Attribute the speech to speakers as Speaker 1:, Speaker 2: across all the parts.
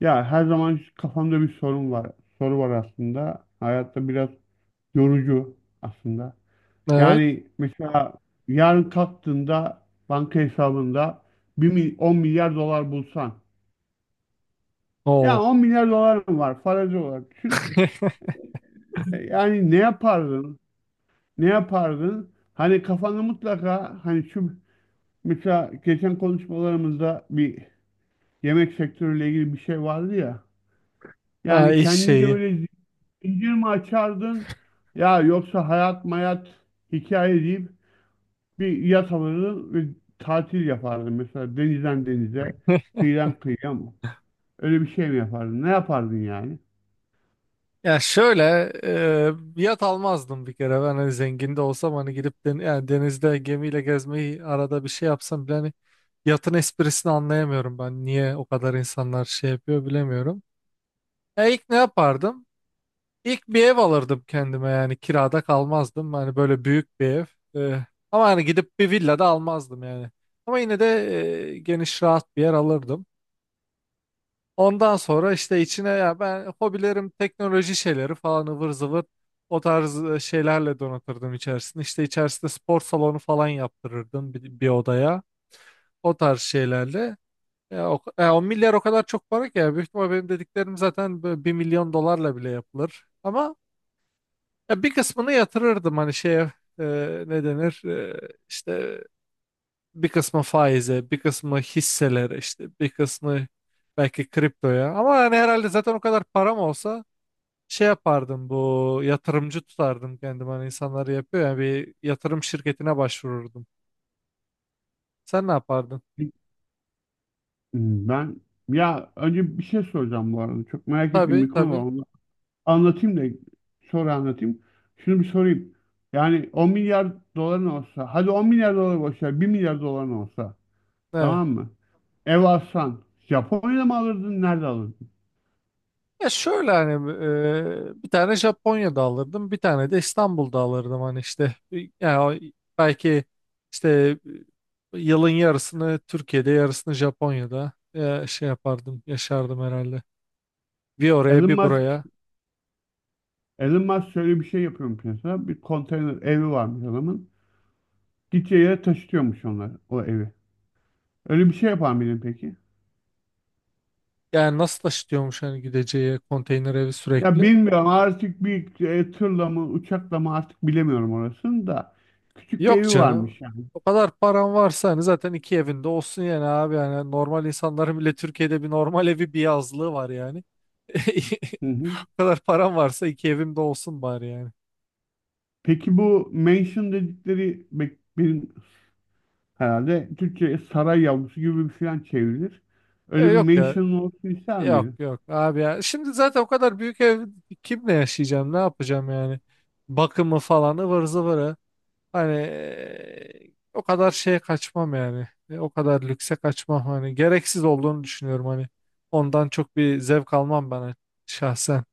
Speaker 1: Ya her zaman kafamda bir sorun var. Soru var aslında. Hayatta biraz yorucu aslında.
Speaker 2: Evet.
Speaker 1: Yani mesela yarın kalktığında banka hesabında 10 milyar dolar bulsan. Ya
Speaker 2: Oo.
Speaker 1: 10 milyar dolarım var, farazi olarak düşün. Yani ne yapardın? Ne yapardın? Hani kafanda mutlaka, hani şu, mesela geçen konuşmalarımızda bir yemek sektörüyle ilgili bir şey vardı ya.
Speaker 2: Ha,
Speaker 1: Yani
Speaker 2: iş
Speaker 1: kendince
Speaker 2: şeyi.
Speaker 1: böyle zincir mi açardın, ya yoksa hayat mayat hikaye deyip bir yat alırdın ve tatil yapardın. Mesela denizden denize, kıyıdan kıyıya mı? Öyle bir şey mi yapardın? Ne yapardın yani?
Speaker 2: Ya şöyle yat almazdım bir kere. Ben hani zengin de olsam hani gidip yani denizde gemiyle gezmeyi arada bir şey yapsam bile hani yatın esprisini anlayamıyorum ben. Niye o kadar insanlar şey yapıyor bilemiyorum. İlk ne yapardım? İlk bir ev alırdım kendime yani kirada kalmazdım. Hani böyle büyük bir ev. E, Ama hani gidip bir villa da almazdım yani. Ama yine de geniş rahat bir yer alırdım. Ondan sonra işte içine ya ben hobilerim teknoloji şeyleri falan ıvır zıvır o tarz şeylerle donatırdım içerisinde. İşte içerisinde spor salonu falan yaptırırdım bir odaya. O tarz şeylerle. Ya o milyar o kadar çok para ki ya. Büyük ihtimal benim dediklerim zaten böyle bir milyon dolarla bile yapılır. Ama ya bir kısmını yatırırdım hani şeye e, ne denir işte bir kısmı faize, bir kısmı hisselere işte, bir kısmı belki kriptoya. Ama yani herhalde zaten o kadar param olsa şey yapardım bu yatırımcı tutardım kendimi hani insanlar yapıyor ya bir yatırım şirketine başvururdum. Sen ne yapardın?
Speaker 1: Ben, ya önce bir şey soracağım bu arada. Çok merak ettiğim
Speaker 2: Tabii
Speaker 1: bir konu var.
Speaker 2: tabii.
Speaker 1: Onu anlatayım da sonra anlatayım. Şunu bir sorayım. Yani 10 milyar doların olsa, hadi 10 milyar dolar boş ver, 1 milyar doların olsa.
Speaker 2: Evet.
Speaker 1: Tamam mı? Ev alsan, Japonya'da mı alırdın? Nerede alırdın?
Speaker 2: Ya şöyle hani bir tane Japonya'da alırdım, bir tane de İstanbul'da alırdım hani işte yani belki işte yılın yarısını Türkiye'de, yarısını Japonya'da şey yapardım, yaşardım herhalde. Bir oraya
Speaker 1: Elon
Speaker 2: bir
Speaker 1: Musk,
Speaker 2: buraya.
Speaker 1: Elon Musk şöyle bir şey yapıyormuş mesela. Bir konteyner evi varmış adamın. Gideceği yere taşıtıyormuş onlar o evi. Öyle bir şey yapar mıydın peki?
Speaker 2: Yani nasıl taşıtıyormuş hani gideceği konteyner evi
Speaker 1: Ya
Speaker 2: sürekli?
Speaker 1: bilmiyorum artık, bir tırla mı uçakla mı artık bilemiyorum orasını da. Küçük bir
Speaker 2: Yok
Speaker 1: evi
Speaker 2: canım.
Speaker 1: varmış yani.
Speaker 2: O kadar paran varsa hani zaten iki evinde olsun yani abi. Yani normal insanların bile Türkiye'de bir normal evi bir yazlığı var yani.
Speaker 1: Hı hı.
Speaker 2: O kadar paran varsa iki evimde olsun bari yani.
Speaker 1: Peki bu mansion dedikleri benim herhalde Türkçe saray yavrusu gibi bir falan çevrilir. Öyle bir
Speaker 2: Yok ya.
Speaker 1: mansion olsun ister
Speaker 2: Yok
Speaker 1: miydin?
Speaker 2: yok abi ya. Şimdi zaten o kadar büyük ev kimle yaşayacağım? Ne yapacağım yani? Bakımı falan ıvır zıvırı. Hani o kadar şeye kaçmam yani. O kadar lükse kaçmam hani. Gereksiz olduğunu düşünüyorum hani. Ondan çok bir zevk almam ben şahsen.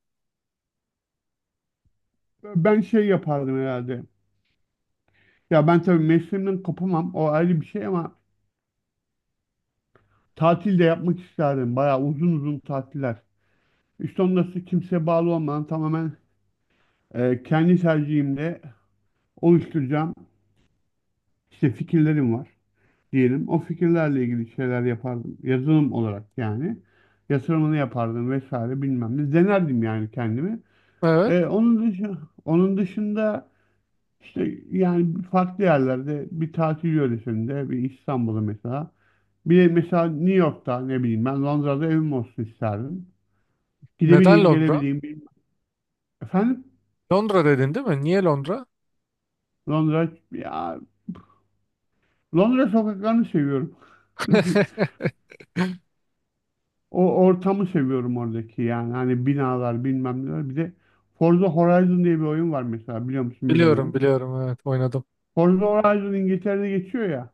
Speaker 1: Ben şey yapardım herhalde. Ya ben tabii mesleğimden kopamam. O ayrı bir şey ama tatil de yapmak isterdim. Bayağı uzun uzun tatiller. İşte ondan kimseye bağlı olmadan tamamen kendi tercihimle oluşturacağım işte fikirlerim var diyelim. O fikirlerle ilgili şeyler yapardım. Yazılım olarak yani. Yatırımını yapardım vesaire bilmem ne. Denerdim yani kendimi.
Speaker 2: Evet.
Speaker 1: E, onun dışı, onun dışında işte yani farklı yerlerde, bir tatil yöresinde, bir İstanbul'da mesela. Bir de mesela New York'ta, ne bileyim ben, Londra'da evim olsun isterdim.
Speaker 2: Neden
Speaker 1: Gidebileyim,
Speaker 2: Londra?
Speaker 1: gelebileyim, bilmem. Efendim?
Speaker 2: Londra dedin değil mi? Niye Londra?
Speaker 1: Londra, ya Londra sokaklarını seviyorum. O ortamı seviyorum oradaki yani. Hani binalar bilmem neler. Bir de Forza Horizon diye bir oyun var mesela, biliyor musun
Speaker 2: Biliyorum
Speaker 1: bilmiyorum.
Speaker 2: biliyorum, evet, oynadım.
Speaker 1: Forza Horizon İngiltere'de geçiyor ya.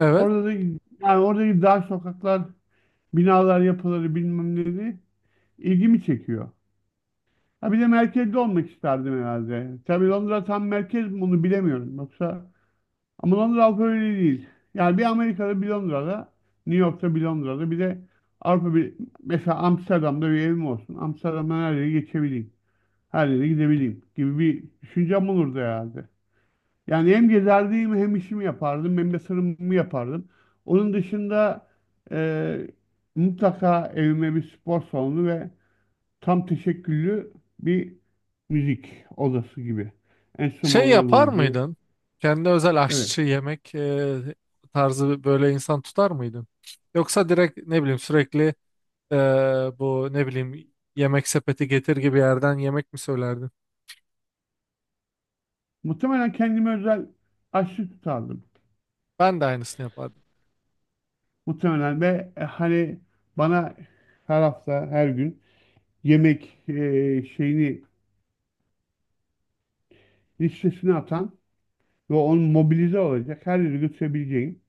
Speaker 2: Evet.
Speaker 1: Orada da yani oradaki dar sokaklar, binalar, yapıları, bilmem neleri ilgimi çekiyor. Ha bir de merkezde olmak isterdim herhalde. Tabii Londra tam merkez mi onu bilemiyorum. Yoksa, ama Londra Avrupa Birliği değil. Yani bir Amerika'da, bir Londra'da, New York'ta, bir Londra'da, bir de Avrupa, bir mesela Amsterdam'da bir evim olsun. Amsterdam'dan her yere geçebileyim. Her yere gidebileyim gibi bir düşüncem olurdu herhalde. Yani hem gezerdim, hem işimi yapardım, hem yatırımımı yapardım. Onun dışında eee, mutlaka evime bir spor salonu ve tam teşekküllü bir müzik odası gibi.
Speaker 2: Şey
Speaker 1: Enstrümanların
Speaker 2: yapar
Speaker 1: olduğu.
Speaker 2: mıydın? Kendi özel
Speaker 1: Evet.
Speaker 2: aşçı yemek tarzı böyle insan tutar mıydın? Yoksa direkt ne bileyim sürekli e, bu ne bileyim yemek sepeti getir gibi yerden yemek mi söylerdin?
Speaker 1: Muhtemelen kendime özel aşçı tutardım.
Speaker 2: Ben de aynısını yapardım.
Speaker 1: Muhtemelen ve hani bana her hafta, her gün yemek e, şeyini listesini atan ve onu mobilize olacak her yere götürebileceğim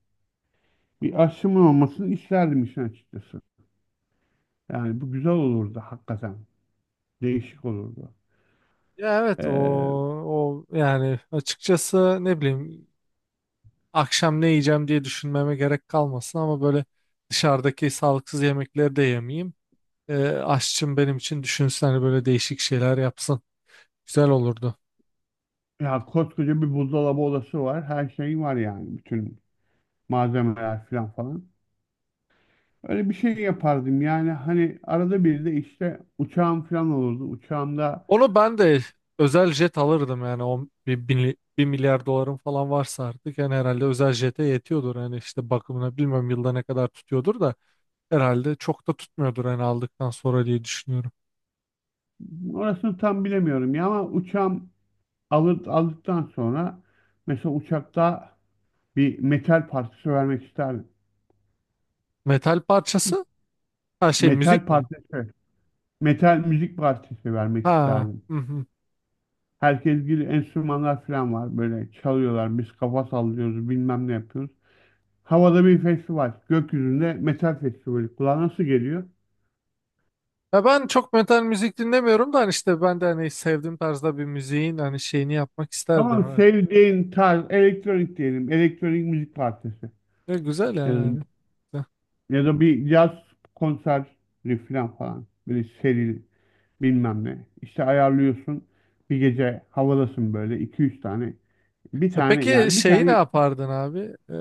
Speaker 1: bir aşçımın olmasını isterdim işin açıkçası. Yani bu güzel olurdu hakikaten. Değişik olurdu.
Speaker 2: Ya evet o
Speaker 1: Ee,
Speaker 2: o yani açıkçası ne bileyim akşam ne yiyeceğim diye düşünmeme gerek kalmasın ama böyle dışarıdaki sağlıksız yemekleri de yemeyeyim. Aşçım benim için düşünsün hani böyle değişik şeyler yapsın. Güzel olurdu.
Speaker 1: ya koskoca bir buzdolabı odası var. Her şey var yani. Bütün malzemeler falan falan. Öyle bir şey yapardım yani, hani arada bir de işte uçağım falan olurdu. Uçağımda
Speaker 2: Onu ben de özel jet alırdım yani o bir milyar dolarım falan varsa artık yani herhalde özel jete yetiyordur. Yani işte bakımına bilmiyorum yılda ne kadar tutuyordur da. Herhalde çok da tutmuyordur hani aldıktan sonra diye düşünüyorum.
Speaker 1: orasını tam bilemiyorum ya, ama uçağım aldıktan sonra mesela uçakta bir metal partisi vermek isterdim.
Speaker 2: Metal parçası? Ha şey
Speaker 1: Metal
Speaker 2: müzik mi?
Speaker 1: partisi, metal müzik partisi vermek
Speaker 2: Ha.
Speaker 1: isterdim.
Speaker 2: Hı hı.
Speaker 1: Herkes gibi enstrümanlar falan var, böyle çalıyorlar, biz kafa sallıyoruz, bilmem ne yapıyoruz. Havada bir festival, gökyüzünde metal festivali kulağa nasıl geliyor?
Speaker 2: Ya ben çok metal müzik dinlemiyorum da hani işte ben de hani sevdiğim tarzda bir müziğin hani şeyini yapmak isterdim,
Speaker 1: Tamam,
Speaker 2: evet.
Speaker 1: sevdiğin tarz elektronik diyelim. Elektronik müzik partisi.
Speaker 2: Ya güzel ya
Speaker 1: Ya da,
Speaker 2: yani. Güzel.
Speaker 1: ya da bir caz konseri falan falan. Böyle seri bilmem ne. İşte ayarlıyorsun. Bir gece havadasın böyle iki üç tane.
Speaker 2: Peki
Speaker 1: Bir
Speaker 2: şeyi ne
Speaker 1: tane.
Speaker 2: yapardın abi? Ee,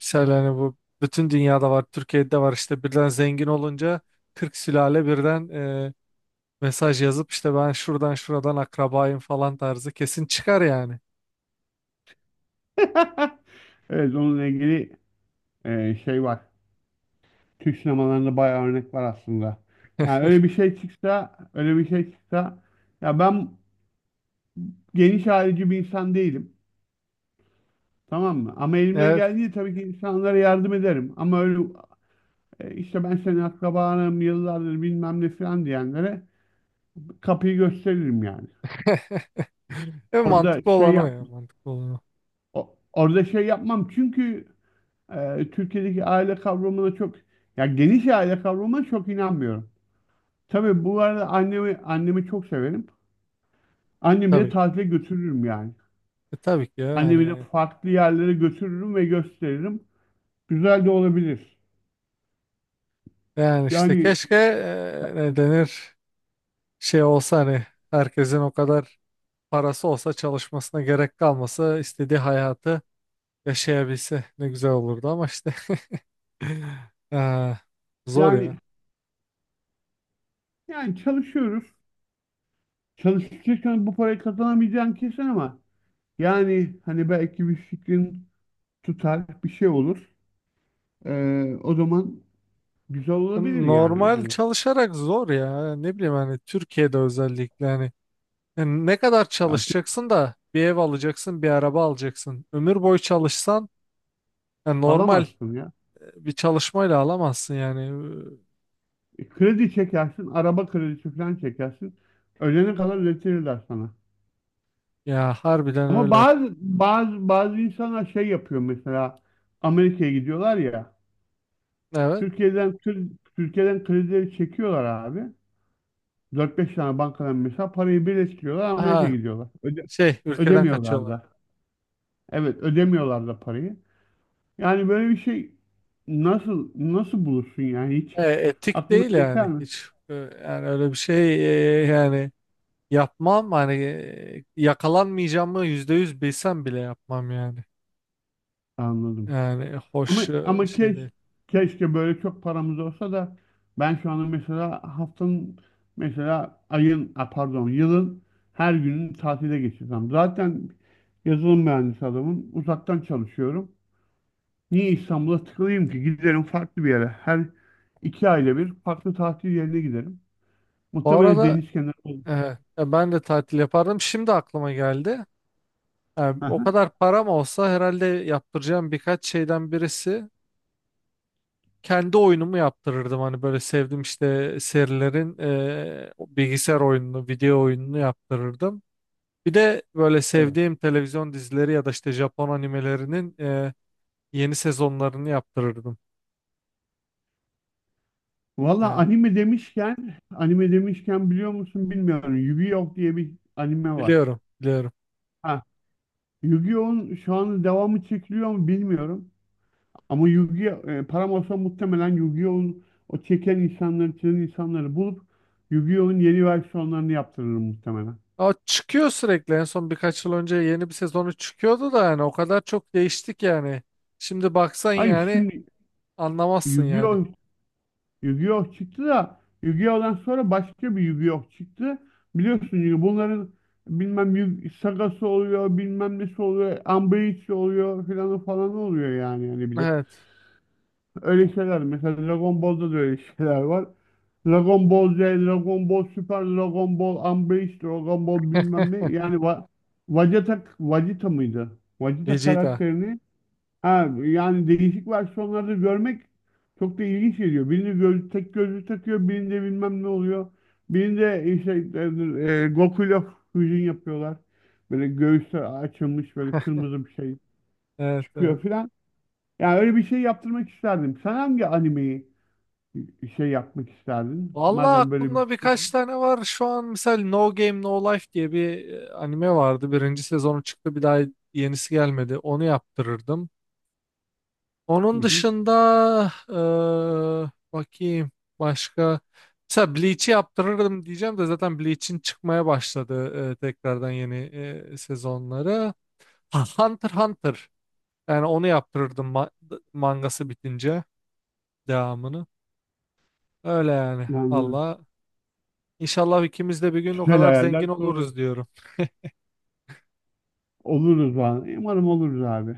Speaker 2: Mesela hani bu bütün dünyada var, Türkiye'de de var işte birden zengin olunca 40 sülale birden mesaj yazıp işte ben şuradan şuradan akrabayım falan tarzı kesin çıkar yani.
Speaker 1: Evet, onunla ilgili şey var. Türk sinemalarında bayağı örnek var aslında. Yani öyle bir şey çıksa, öyle bir şey çıksa, ya ben geniş ayrıcı bir insan değilim. Tamam mı? Ama elimden
Speaker 2: Evet.
Speaker 1: geldiği tabii ki insanlara yardım ederim. Ama öyle, işte ben senin akrabanım yıllardır bilmem ne falan diyenlere kapıyı gösteririm yani. Orada
Speaker 2: Mantıklı
Speaker 1: şey
Speaker 2: olan o
Speaker 1: yap
Speaker 2: ya, mantıklı olan o.
Speaker 1: orada şey yapmam çünkü Türkiye'deki aile kavramına çok, ya geniş aile kavramına çok inanmıyorum. Tabii bu arada annemi çok severim. Annemi de
Speaker 2: Tabii ki.
Speaker 1: tatile götürürüm yani.
Speaker 2: Tabii ki ya
Speaker 1: Annemi de
Speaker 2: yani.
Speaker 1: farklı yerlere götürürüm ve gösteririm. Güzel de olabilir.
Speaker 2: Yani işte
Speaker 1: Yani
Speaker 2: keşke ne denir, şey olsa hani herkesin o kadar parası olsa çalışmasına gerek kalmasa istediği hayatı yaşayabilse ne güzel olurdu, ama işte e, zor ya.
Speaker 1: yani yani çalışıyoruz. Çalışırken bu parayı kazanamayacağın kesin ama yani hani belki bir fikrin tutar, bir şey olur. O zaman güzel olabilir yani
Speaker 2: Normal
Speaker 1: hani.
Speaker 2: çalışarak zor ya, ne bileyim hani Türkiye'de özellikle, hani yani ne kadar
Speaker 1: ya, tü-
Speaker 2: çalışacaksın da bir ev alacaksın, bir araba alacaksın, ömür boyu çalışsan yani normal
Speaker 1: alamazsın ya.
Speaker 2: bir çalışmayla alamazsın yani.
Speaker 1: Kredi çekersin, araba kredisi falan çekersin. Ölene kadar ödetirler sana.
Speaker 2: Ya harbiden
Speaker 1: Ama
Speaker 2: öyle.
Speaker 1: bazı insanlar şey yapıyor, mesela Amerika'ya gidiyorlar ya.
Speaker 2: Evet.
Speaker 1: Türkiye'den kri- Türkiye'den kredileri çekiyorlar abi. Dört beş tane bankadan mesela parayı birleştiriyorlar, Amerika'ya
Speaker 2: Aha,
Speaker 1: gidiyorlar.
Speaker 2: şey, ülkeden
Speaker 1: Ödemiyorlar
Speaker 2: kaçıyorlar.
Speaker 1: da. Evet, ödemiyorlar da parayı. Yani böyle bir şey nasıl bulursun yani, hiç
Speaker 2: Etik
Speaker 1: aklına
Speaker 2: değil
Speaker 1: geçer
Speaker 2: yani
Speaker 1: mi?
Speaker 2: hiç. Yani öyle bir şey, yani yapmam hani, yakalanmayacağımı %100 bilsem bile yapmam yani.
Speaker 1: Anladım.
Speaker 2: Yani
Speaker 1: Ama
Speaker 2: hoş
Speaker 1: ama
Speaker 2: şey
Speaker 1: keş,
Speaker 2: değil.
Speaker 1: keşke böyle çok paramız olsa da ben şu anda mesela haftanın mesela ayın a, pardon yılın her gününü tatile geçirsem. Zaten yazılım mühendisi adamım. Uzaktan çalışıyorum. Niye İstanbul'a tıkılayım ki? Giderim farklı bir yere. Her iki ayda bir farklı tatil yerine giderim.
Speaker 2: Bu
Speaker 1: Muhtemelen
Speaker 2: arada
Speaker 1: deniz kenarı olur.
Speaker 2: e, ben de tatil yapardım. Şimdi aklıma geldi. Yani o
Speaker 1: Aha.
Speaker 2: kadar param olsa herhalde yaptıracağım birkaç şeyden birisi kendi oyunumu yaptırırdım, hani böyle sevdim işte serilerin bilgisayar oyununu, video oyununu yaptırırdım. Bir de böyle
Speaker 1: Evet.
Speaker 2: sevdiğim televizyon dizileri ya da işte Japon animelerinin yeni sezonlarını yaptırırdım.
Speaker 1: Valla
Speaker 2: Yani
Speaker 1: anime demişken, anime demişken biliyor musun bilmiyorum. Yu-Gi-Oh diye bir anime var.
Speaker 2: biliyorum, biliyorum.
Speaker 1: Ha, Yu-Gi-Oh'un şu an devamı çekiliyor mu bilmiyorum. Ama Yu-Gi-Oh, param olsa muhtemelen Yu-Gi-Oh'un o çeken insanları, çizen insanları bulup Yu-Gi-Oh'un yeni versiyonlarını yaptırırım muhtemelen.
Speaker 2: Ama çıkıyor sürekli. En son birkaç yıl önce yeni bir sezonu çıkıyordu da yani o kadar çok değiştik yani. Şimdi baksan
Speaker 1: Hayır,
Speaker 2: yani
Speaker 1: şimdi
Speaker 2: anlamazsın yani.
Speaker 1: Yu-Gi-Oh, Yu-Gi-Oh çıktı da Yu-Gi-Oh'dan sonra başka bir Yu-Gi-Oh çıktı. Biliyorsun, Yu- bunların bilmem Yu- sagası oluyor, bilmem nesi oluyor, Ambreach oluyor filan falan oluyor yani, bir de.
Speaker 2: Evet.
Speaker 1: Öyle şeyler mesela Dragon Ball'da da öyle şeyler var. Dragon Ball Z, Dragon Ball Super, Dragon Ball Ambreach, Dragon Ball bilmem ne. Yani Va Vegeta, Vegeta mıydı? Vegeta
Speaker 2: Vegeta.
Speaker 1: karakterini. Ha, yani değişik versiyonları görmek çok da ilginç geliyor. Birinde göz, tek gözlük takıyor, birinde bilmem ne oluyor. Birinde işte Goku'yla füzyon yapıyorlar. Böyle göğüsler açılmış, böyle kırmızı bir şey
Speaker 2: Evet,
Speaker 1: çıkıyor
Speaker 2: evet.
Speaker 1: filan. Yani öyle bir şey yaptırmak isterdim. Sen hangi animeyi şey yapmak isterdin?
Speaker 2: Vallahi
Speaker 1: Madem böyle bir
Speaker 2: aklımda
Speaker 1: şey var.
Speaker 2: birkaç tane var. Şu an mesela No Game No Life diye bir anime vardı. Birinci sezonu çıktı, bir daha yenisi gelmedi. Onu yaptırırdım.
Speaker 1: Hı
Speaker 2: Onun
Speaker 1: hı,
Speaker 2: dışında bakayım başka. Mesela Bleach'i yaptırırdım diyeceğim de zaten Bleach'in çıkmaya başladı tekrardan yeni sezonları. Ha, Hunter x Hunter. Yani onu yaptırırdım, mangası bitince devamını. Öyle yani.
Speaker 1: anladım.
Speaker 2: Allah. İnşallah ikimiz de bir gün o
Speaker 1: Güzel
Speaker 2: kadar
Speaker 1: hayaller
Speaker 2: zengin
Speaker 1: kuruyor.
Speaker 2: oluruz diyorum.
Speaker 1: Oluruz abi. Umarım oluruz abi.